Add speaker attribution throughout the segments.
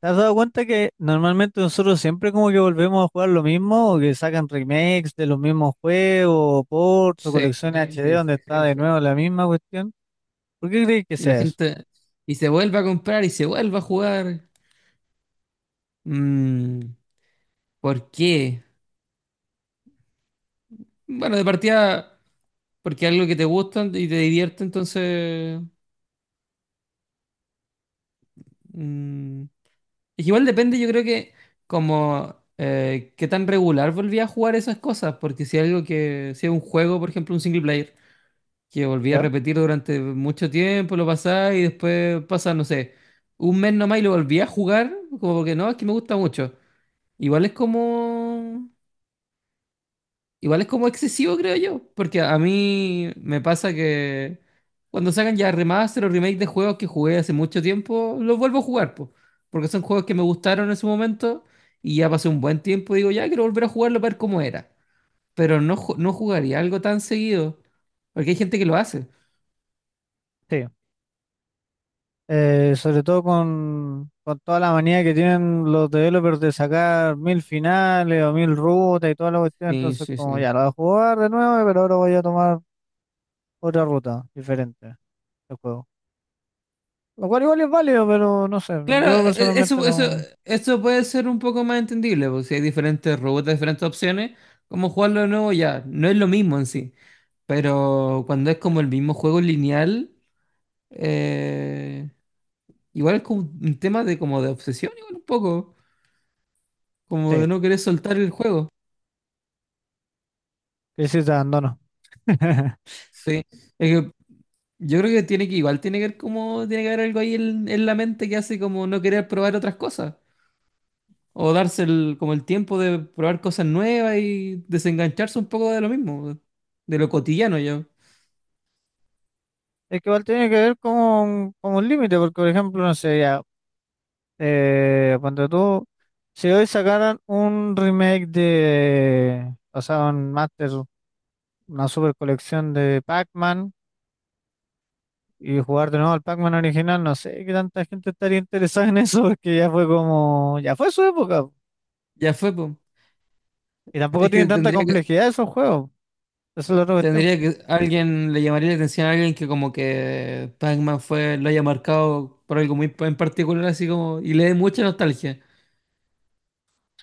Speaker 1: ¿Te has dado cuenta que normalmente nosotros siempre como que volvemos a jugar lo mismo o que sacan remakes de los mismos juegos, ports o
Speaker 2: Sí,
Speaker 1: colecciones sí HD
Speaker 2: sí, sí,
Speaker 1: donde está
Speaker 2: sí,
Speaker 1: de nuevo
Speaker 2: sí.
Speaker 1: la misma cuestión? ¿Por qué crees que
Speaker 2: Y la
Speaker 1: sea eso?
Speaker 2: gente, y se vuelve a comprar y se vuelve a jugar. Mm, ¿Por qué? Bueno, de partida, porque es algo que te gusta y te divierte, entonces... mm, es que igual depende, yo creo que como qué tan regular volví a jugar esas cosas, porque si algo que, si es un juego, por ejemplo, un single player, que volví a
Speaker 1: ¿Ya?
Speaker 2: repetir durante mucho tiempo, lo pasaba y después pasa, no sé, un mes nomás y lo volví a jugar, como porque no, es que me gusta mucho. Igual es como, igual es como excesivo, creo yo, porque a mí me pasa que cuando sacan ya remaster o remake de juegos que jugué hace mucho tiempo, los vuelvo a jugar, po, porque son juegos que me gustaron en su momento y ya pasó un buen tiempo y digo, ya quiero volver a jugarlo para ver cómo era, pero no, no jugaría algo tan seguido, porque hay gente que lo hace.
Speaker 1: Sí. Sobre todo con toda la manía que tienen los developers de sacar mil finales o mil rutas y toda la cuestión,
Speaker 2: Sí,
Speaker 1: entonces
Speaker 2: sí,
Speaker 1: como
Speaker 2: sí.
Speaker 1: ya lo voy a jugar de nuevo, pero ahora voy a tomar otra ruta diferente del juego. Lo cual igual es válido, pero no sé,
Speaker 2: Claro,
Speaker 1: yo personalmente
Speaker 2: eso, eso,
Speaker 1: no...
Speaker 2: eso puede ser un poco más entendible, porque si hay diferentes robots, diferentes opciones, como jugarlo de nuevo ya, no es lo mismo en sí. Pero cuando es como el mismo juego lineal, eh, igual es como un tema de como de obsesión, igual un poco, como
Speaker 1: Sí,
Speaker 2: de no querer soltar el juego.
Speaker 1: crisis de abandono.
Speaker 2: Sí. Es que yo creo que tiene que, igual tiene que ver como, tiene que haber algo ahí en la mente que hace como no querer probar otras cosas. O darse el, como el tiempo de probar cosas nuevas y desengancharse un poco de lo mismo, de lo cotidiano ya.
Speaker 1: Es que igual tiene que ver con un límite, porque por ejemplo, no sé, ya, cuando tú, si hoy sacaran un remake de, o sea, un master, una super colección de Pac-Man y jugar de nuevo al Pac-Man original, no sé qué tanta gente estaría interesada en eso, porque ya fue como, ya fue su época, po.
Speaker 2: Ya fue, pues.
Speaker 1: Y tampoco
Speaker 2: Es que
Speaker 1: tienen tanta
Speaker 2: tendría que,
Speaker 1: complejidad esos juegos, eso es la otra cuestión.
Speaker 2: tendría que, alguien le llamaría la atención a alguien que como que Pac-Man fue, lo haya marcado por algo muy en particular, así como, y le dé mucha nostalgia.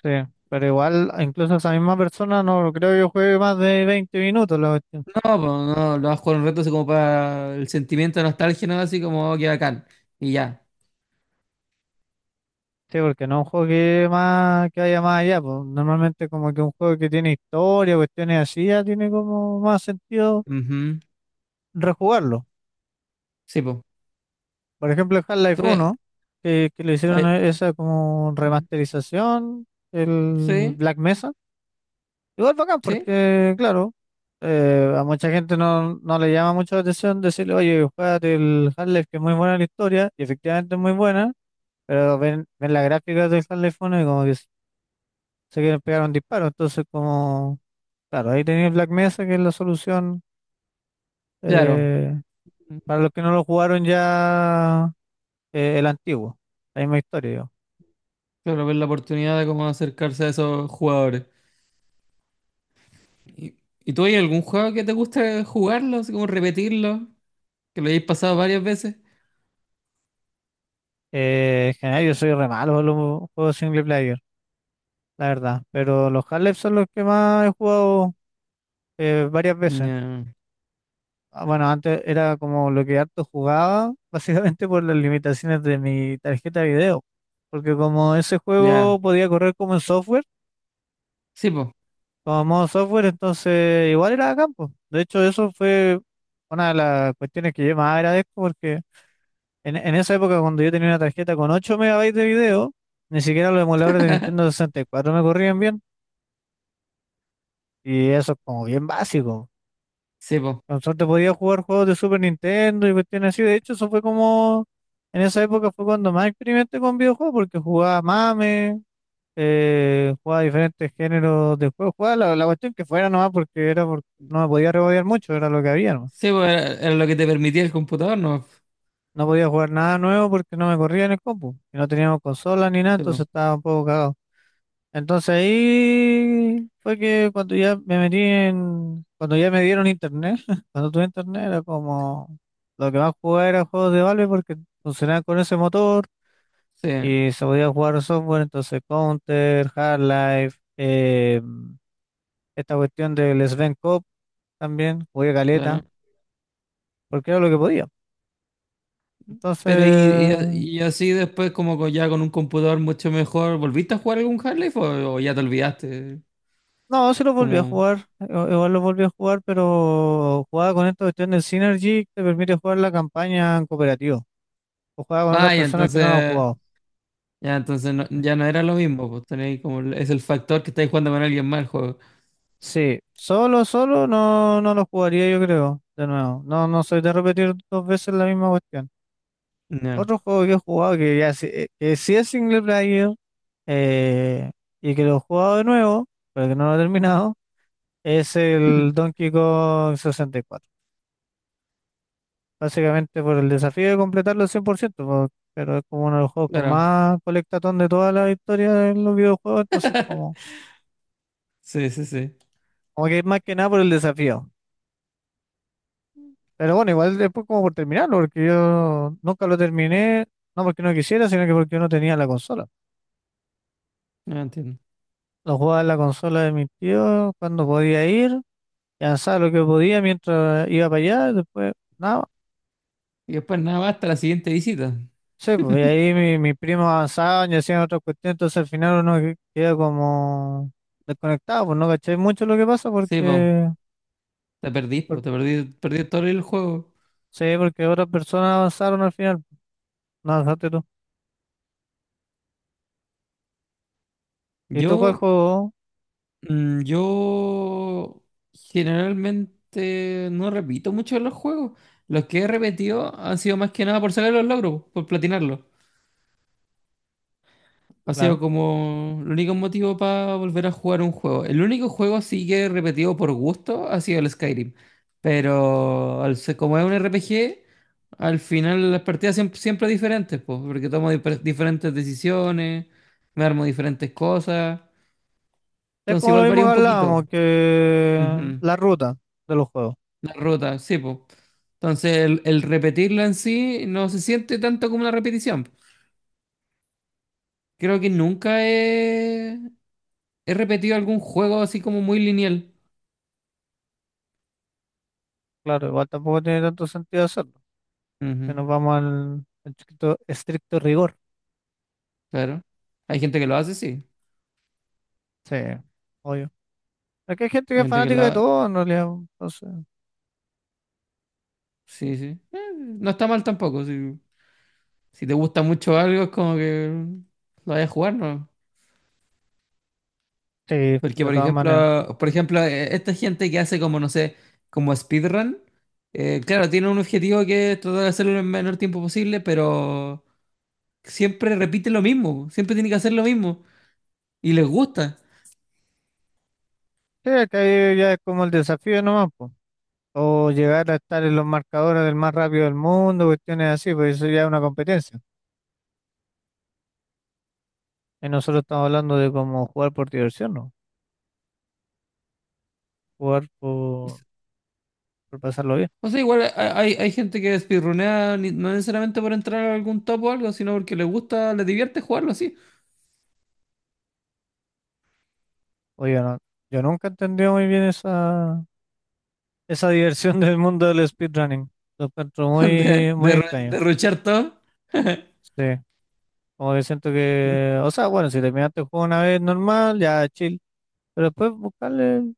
Speaker 1: Sí, pero igual, incluso esa misma persona no creo que juegue más de 20 minutos la cuestión.
Speaker 2: No, pues no, lo vas a jugar un rato así como para el sentimiento de nostalgia, ¿no? Así como, oh, qué bacán. Y ya.
Speaker 1: Sí, porque no es un juego que, más, que vaya más allá, pues normalmente como que un juego que tiene historia, cuestiones así, ya tiene como más sentido
Speaker 2: Ujú.
Speaker 1: rejugarlo.
Speaker 2: Sí, pues.
Speaker 1: Por ejemplo, el Half-Life uno que le hicieron esa como remasterización, el
Speaker 2: Sí,
Speaker 1: Black Mesa, igual bacán,
Speaker 2: sí,
Speaker 1: porque claro, a mucha gente no, no le llama mucho la atención decirle, oye, juégate el Half-Life que es muy buena la historia, y efectivamente es muy buena, pero ven, ven las gráficas del Half-Life uno y como que se quieren pegar un disparo, entonces como... Claro, ahí tenéis Black Mesa, que es la solución
Speaker 2: claro.
Speaker 1: eh, para los que no lo jugaron ya el antiguo, la misma historia yo.
Speaker 2: Claro, ver la oportunidad de cómo acercarse a esos jugadores. ¿Y, y tú hay algún juego que te guste jugarlo, así como repetirlo, que lo hayáis pasado varias veces?
Speaker 1: En general yo soy re malo para los juegos single player, la verdad, pero los Half-Life son los que más he jugado varias veces.
Speaker 2: Ya,
Speaker 1: Ah, bueno, antes era como lo que harto jugaba, básicamente por las limitaciones de mi tarjeta de video, porque como ese
Speaker 2: ya.
Speaker 1: juego podía correr como en software,
Speaker 2: Sí, po,
Speaker 1: como modo software, entonces igual era campo. De hecho, eso fue una de las cuestiones que yo más agradezco porque en esa época cuando yo tenía una tarjeta con 8 megabytes de video, ni siquiera los emuladores de Nintendo 64 me corrían bien. Y eso es como bien básico.
Speaker 2: sí, po.
Speaker 1: Con suerte podía jugar juegos de Super Nintendo y cuestiones así. De hecho, eso fue como, en esa época fue cuando más experimenté con videojuegos porque jugaba MAME, jugaba diferentes géneros de juego, jugaba la cuestión que fuera nomás porque era no me podía rebodear mucho, era lo que había nomás.
Speaker 2: Sí, po, era, era lo que te permitía el computador, ¿no?
Speaker 1: No podía jugar nada nuevo porque no me corría en el compu y no teníamos consolas ni nada,
Speaker 2: Sí,
Speaker 1: entonces
Speaker 2: po.
Speaker 1: estaba un poco cagado. Entonces ahí fue que cuando ya me metí en, cuando ya me dieron internet, cuando tuve internet era como lo que más jugaba era juegos de Valve porque funcionaban con ese motor
Speaker 2: Sí,
Speaker 1: y se podía jugar software, entonces Counter, Half-Life, esta cuestión del Sven Cop también, jugué caleta,
Speaker 2: claro.
Speaker 1: porque era lo que podía.
Speaker 2: Pero y,
Speaker 1: Entonces,
Speaker 2: y, y así después, como ya con un computador mucho mejor, ¿volviste a jugar algún half o ya te olvidaste?
Speaker 1: no, sí lo volví a
Speaker 2: Como,
Speaker 1: jugar, igual lo volví a jugar, pero jugaba con esta cuestión del Synergy que te permite jugar la campaña en cooperativo, o jugaba con otras
Speaker 2: ah, ya
Speaker 1: personas que no la han
Speaker 2: entonces,
Speaker 1: jugado.
Speaker 2: ya entonces
Speaker 1: Ya.
Speaker 2: ya no era lo mismo, pues tenéis como, es el factor que estáis jugando con alguien más el juego.
Speaker 1: Sí, solo, solo no, no lo jugaría yo creo, de nuevo. No, no soy de repetir dos veces la misma cuestión.
Speaker 2: Ya.
Speaker 1: Otro juego que he jugado que ya que sí es single player, eh, y que lo he jugado de nuevo, pero que no lo he terminado, es el Donkey Kong 64. Básicamente por el desafío de completarlo al 100%, po, pero es como uno de los juegos con
Speaker 2: Claro.
Speaker 1: más colectatón de toda la historia de los videojuegos, entonces como,
Speaker 2: Sí, sí, sí.
Speaker 1: como que es más que nada por el desafío. Pero bueno, igual después como por terminarlo, porque yo nunca lo terminé, no porque no quisiera, sino que porque yo no tenía la consola.
Speaker 2: No entiendo.
Speaker 1: Lo jugaba en la consola de mis tíos cuando podía ir, y avanzaba lo que podía mientras iba para allá, y después nada.
Speaker 2: Y después nada hasta la siguiente visita.
Speaker 1: Sí, pues y ahí mi primo avanzaban y hacían otra cuestión, entonces al final uno queda como desconectado, pues no caché mucho lo que pasa
Speaker 2: Sí, po.
Speaker 1: porque,
Speaker 2: Te perdí,
Speaker 1: por-
Speaker 2: po. Te perdí, perdí todo el juego.
Speaker 1: sí, porque otras personas avanzaron al final, no avanzaste tú. ¿Y tú cuál
Speaker 2: Yo,
Speaker 1: juego?
Speaker 2: yo generalmente no repito mucho los juegos. Los que he repetido han sido más que nada por sacar los logros, por platinarlos. Ha
Speaker 1: Claro.
Speaker 2: sido como el único motivo para volver a jugar un juego. El único juego sí que he repetido por gusto ha sido el Skyrim. Pero al como es un RPG, al final las partidas siempre, siempre diferentes, pues, porque tomo diferentes decisiones, me armo diferentes cosas.
Speaker 1: Es
Speaker 2: Entonces
Speaker 1: como lo
Speaker 2: igual
Speaker 1: mismo
Speaker 2: varía
Speaker 1: que
Speaker 2: un poquito.
Speaker 1: hablábamos, que
Speaker 2: Ujú.
Speaker 1: la ruta de los juegos.
Speaker 2: La ruta, sí, pues. Entonces el repetirla en sí no se siente tanto como una repetición. Creo que nunca he, he repetido algún juego así como muy lineal.
Speaker 1: Claro, igual tampoco tiene tanto sentido hacerlo, que
Speaker 2: Ujú,
Speaker 1: nos vamos al, al estricto, estricto rigor.
Speaker 2: claro. Hay gente que lo hace, sí.
Speaker 1: Sí, obvio. Aquí hay gente que
Speaker 2: Hay
Speaker 1: es
Speaker 2: gente que lo
Speaker 1: fanática de
Speaker 2: hace.
Speaker 1: todo en realidad, entonces,
Speaker 2: Sí, sí. No está mal tampoco. Si, si te gusta mucho algo, es como que lo vayas a jugar, ¿no?
Speaker 1: sí, de
Speaker 2: Porque,
Speaker 1: todas maneras.
Speaker 2: por ejemplo, esta gente que hace como, no sé, como speedrun, claro, tiene un objetivo que es tratar de hacerlo en el menor tiempo posible, pero siempre repite lo mismo. Siempre tiene que hacer lo mismo. Y les gusta.
Speaker 1: Sí, acá ya ya es como el desafío nomás, po. O llegar a estar en los marcadores del más rápido del mundo, cuestiones así, pues eso ya es una competencia. Y nosotros estamos hablando de cómo jugar por diversión, ¿no? Jugar por pasarlo bien.
Speaker 2: O sea, igual hay, hay gente que speedrunea no necesariamente por entrar a algún top o algo, sino porque les gusta, le divierte jugarlo así.
Speaker 1: Oye, no, yo nunca entendí muy bien esa, esa diversión del mundo del speedrunning. Lo encuentro muy, muy extraño.
Speaker 2: Derrochar todo.
Speaker 1: Sí, como que siento que, o sea, bueno, si terminaste el juego una vez normal, ya chill. Pero después buscarle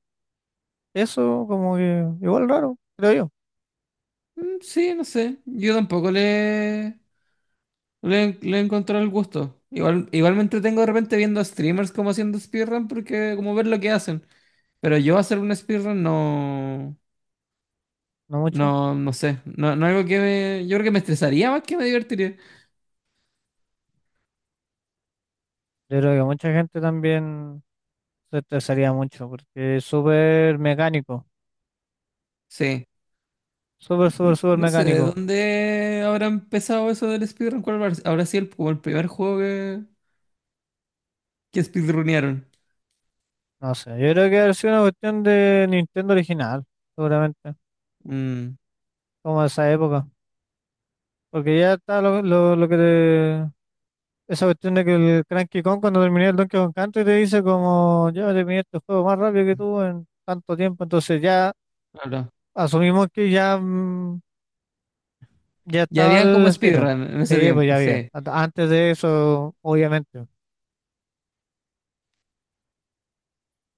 Speaker 1: eso, como que igual raro, creo yo,
Speaker 2: Sí, no sé. Yo tampoco le encontré el gusto. Igual, igual me entretengo de repente viendo streamers como haciendo speedrun porque como ver lo que hacen. Pero yo hacer un speedrun no,
Speaker 1: no mucho.
Speaker 2: no, no sé. No, no algo que me, yo creo que me estresaría más que me divertiría.
Speaker 1: Yo creo que mucha gente también se estresaría mucho porque es súper mecánico,
Speaker 2: Sí.
Speaker 1: súper, súper, súper
Speaker 2: No sé de
Speaker 1: mecánico.
Speaker 2: dónde habrá empezado eso del speedrun. ¿Cuál habrá sido el, como el primer juego que speedrunearon?
Speaker 1: No sé, yo creo que ha sido una cuestión de Nintendo original, seguramente,
Speaker 2: Mm,
Speaker 1: como de esa época. Porque ya está lo que te... Esa cuestión de que el Cranky Kong cuando terminé el Donkey Kong Country te dice como, yo terminé este juego más rápido que tú en tanto tiempo, entonces ya
Speaker 2: no, no.
Speaker 1: asumimos que ya, mm, ya
Speaker 2: Ya
Speaker 1: estaba
Speaker 2: habían como
Speaker 1: el speedrun.
Speaker 2: speedrun en ese
Speaker 1: Sí, pues
Speaker 2: tiempo,
Speaker 1: ya había.
Speaker 2: sí.
Speaker 1: Antes de eso, obviamente.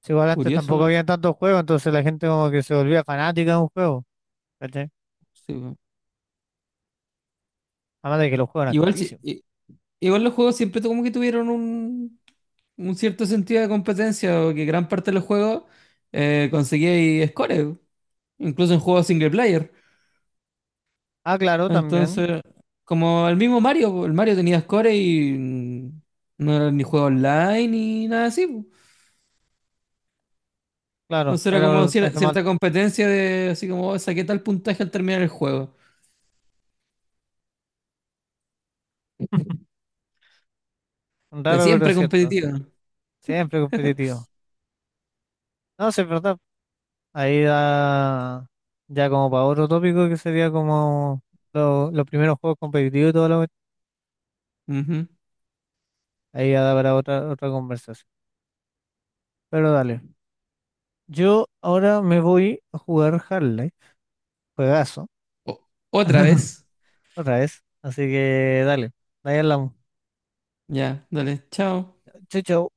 Speaker 1: Sí, igual antes
Speaker 2: Curioso,
Speaker 1: tampoco había tantos juegos, entonces la gente como que se volvía fanática de un juego, ¿cachai?
Speaker 2: sí, po.
Speaker 1: Además de que los juegos eran
Speaker 2: Igual,
Speaker 1: carísimos.
Speaker 2: igual los juegos siempre como que tuvieron un cierto sentido de competencia, o que gran parte de los juegos conseguía ahí scores, incluso en juegos single player.
Speaker 1: Ah, claro, también,
Speaker 2: Entonces, como el mismo Mario, po, el Mario tenía scores y no era ni juego online ni nada así. Po.
Speaker 1: claro,
Speaker 2: Entonces era
Speaker 1: era
Speaker 2: como
Speaker 1: un traje más
Speaker 2: cierta competencia de así como "Oh, saqué tal puntaje al terminar el juego". De
Speaker 1: raro, pero es
Speaker 2: siempre
Speaker 1: cierto, sí,
Speaker 2: competitiva.
Speaker 1: siempre competitivo. No, sí, es verdad, ahí da ya como para otro tópico que sería como los primeros juegos competitivos y todo lo que...
Speaker 2: Ujú.
Speaker 1: Ahí ya da para otra, otra conversación. Pero dale, yo ahora me voy a jugar Half-Life, juegazo,
Speaker 2: Otra vez.
Speaker 1: otra vez, así que dale, ahí hablamos.
Speaker 2: Ya, dale, chao.
Speaker 1: Chau, chau.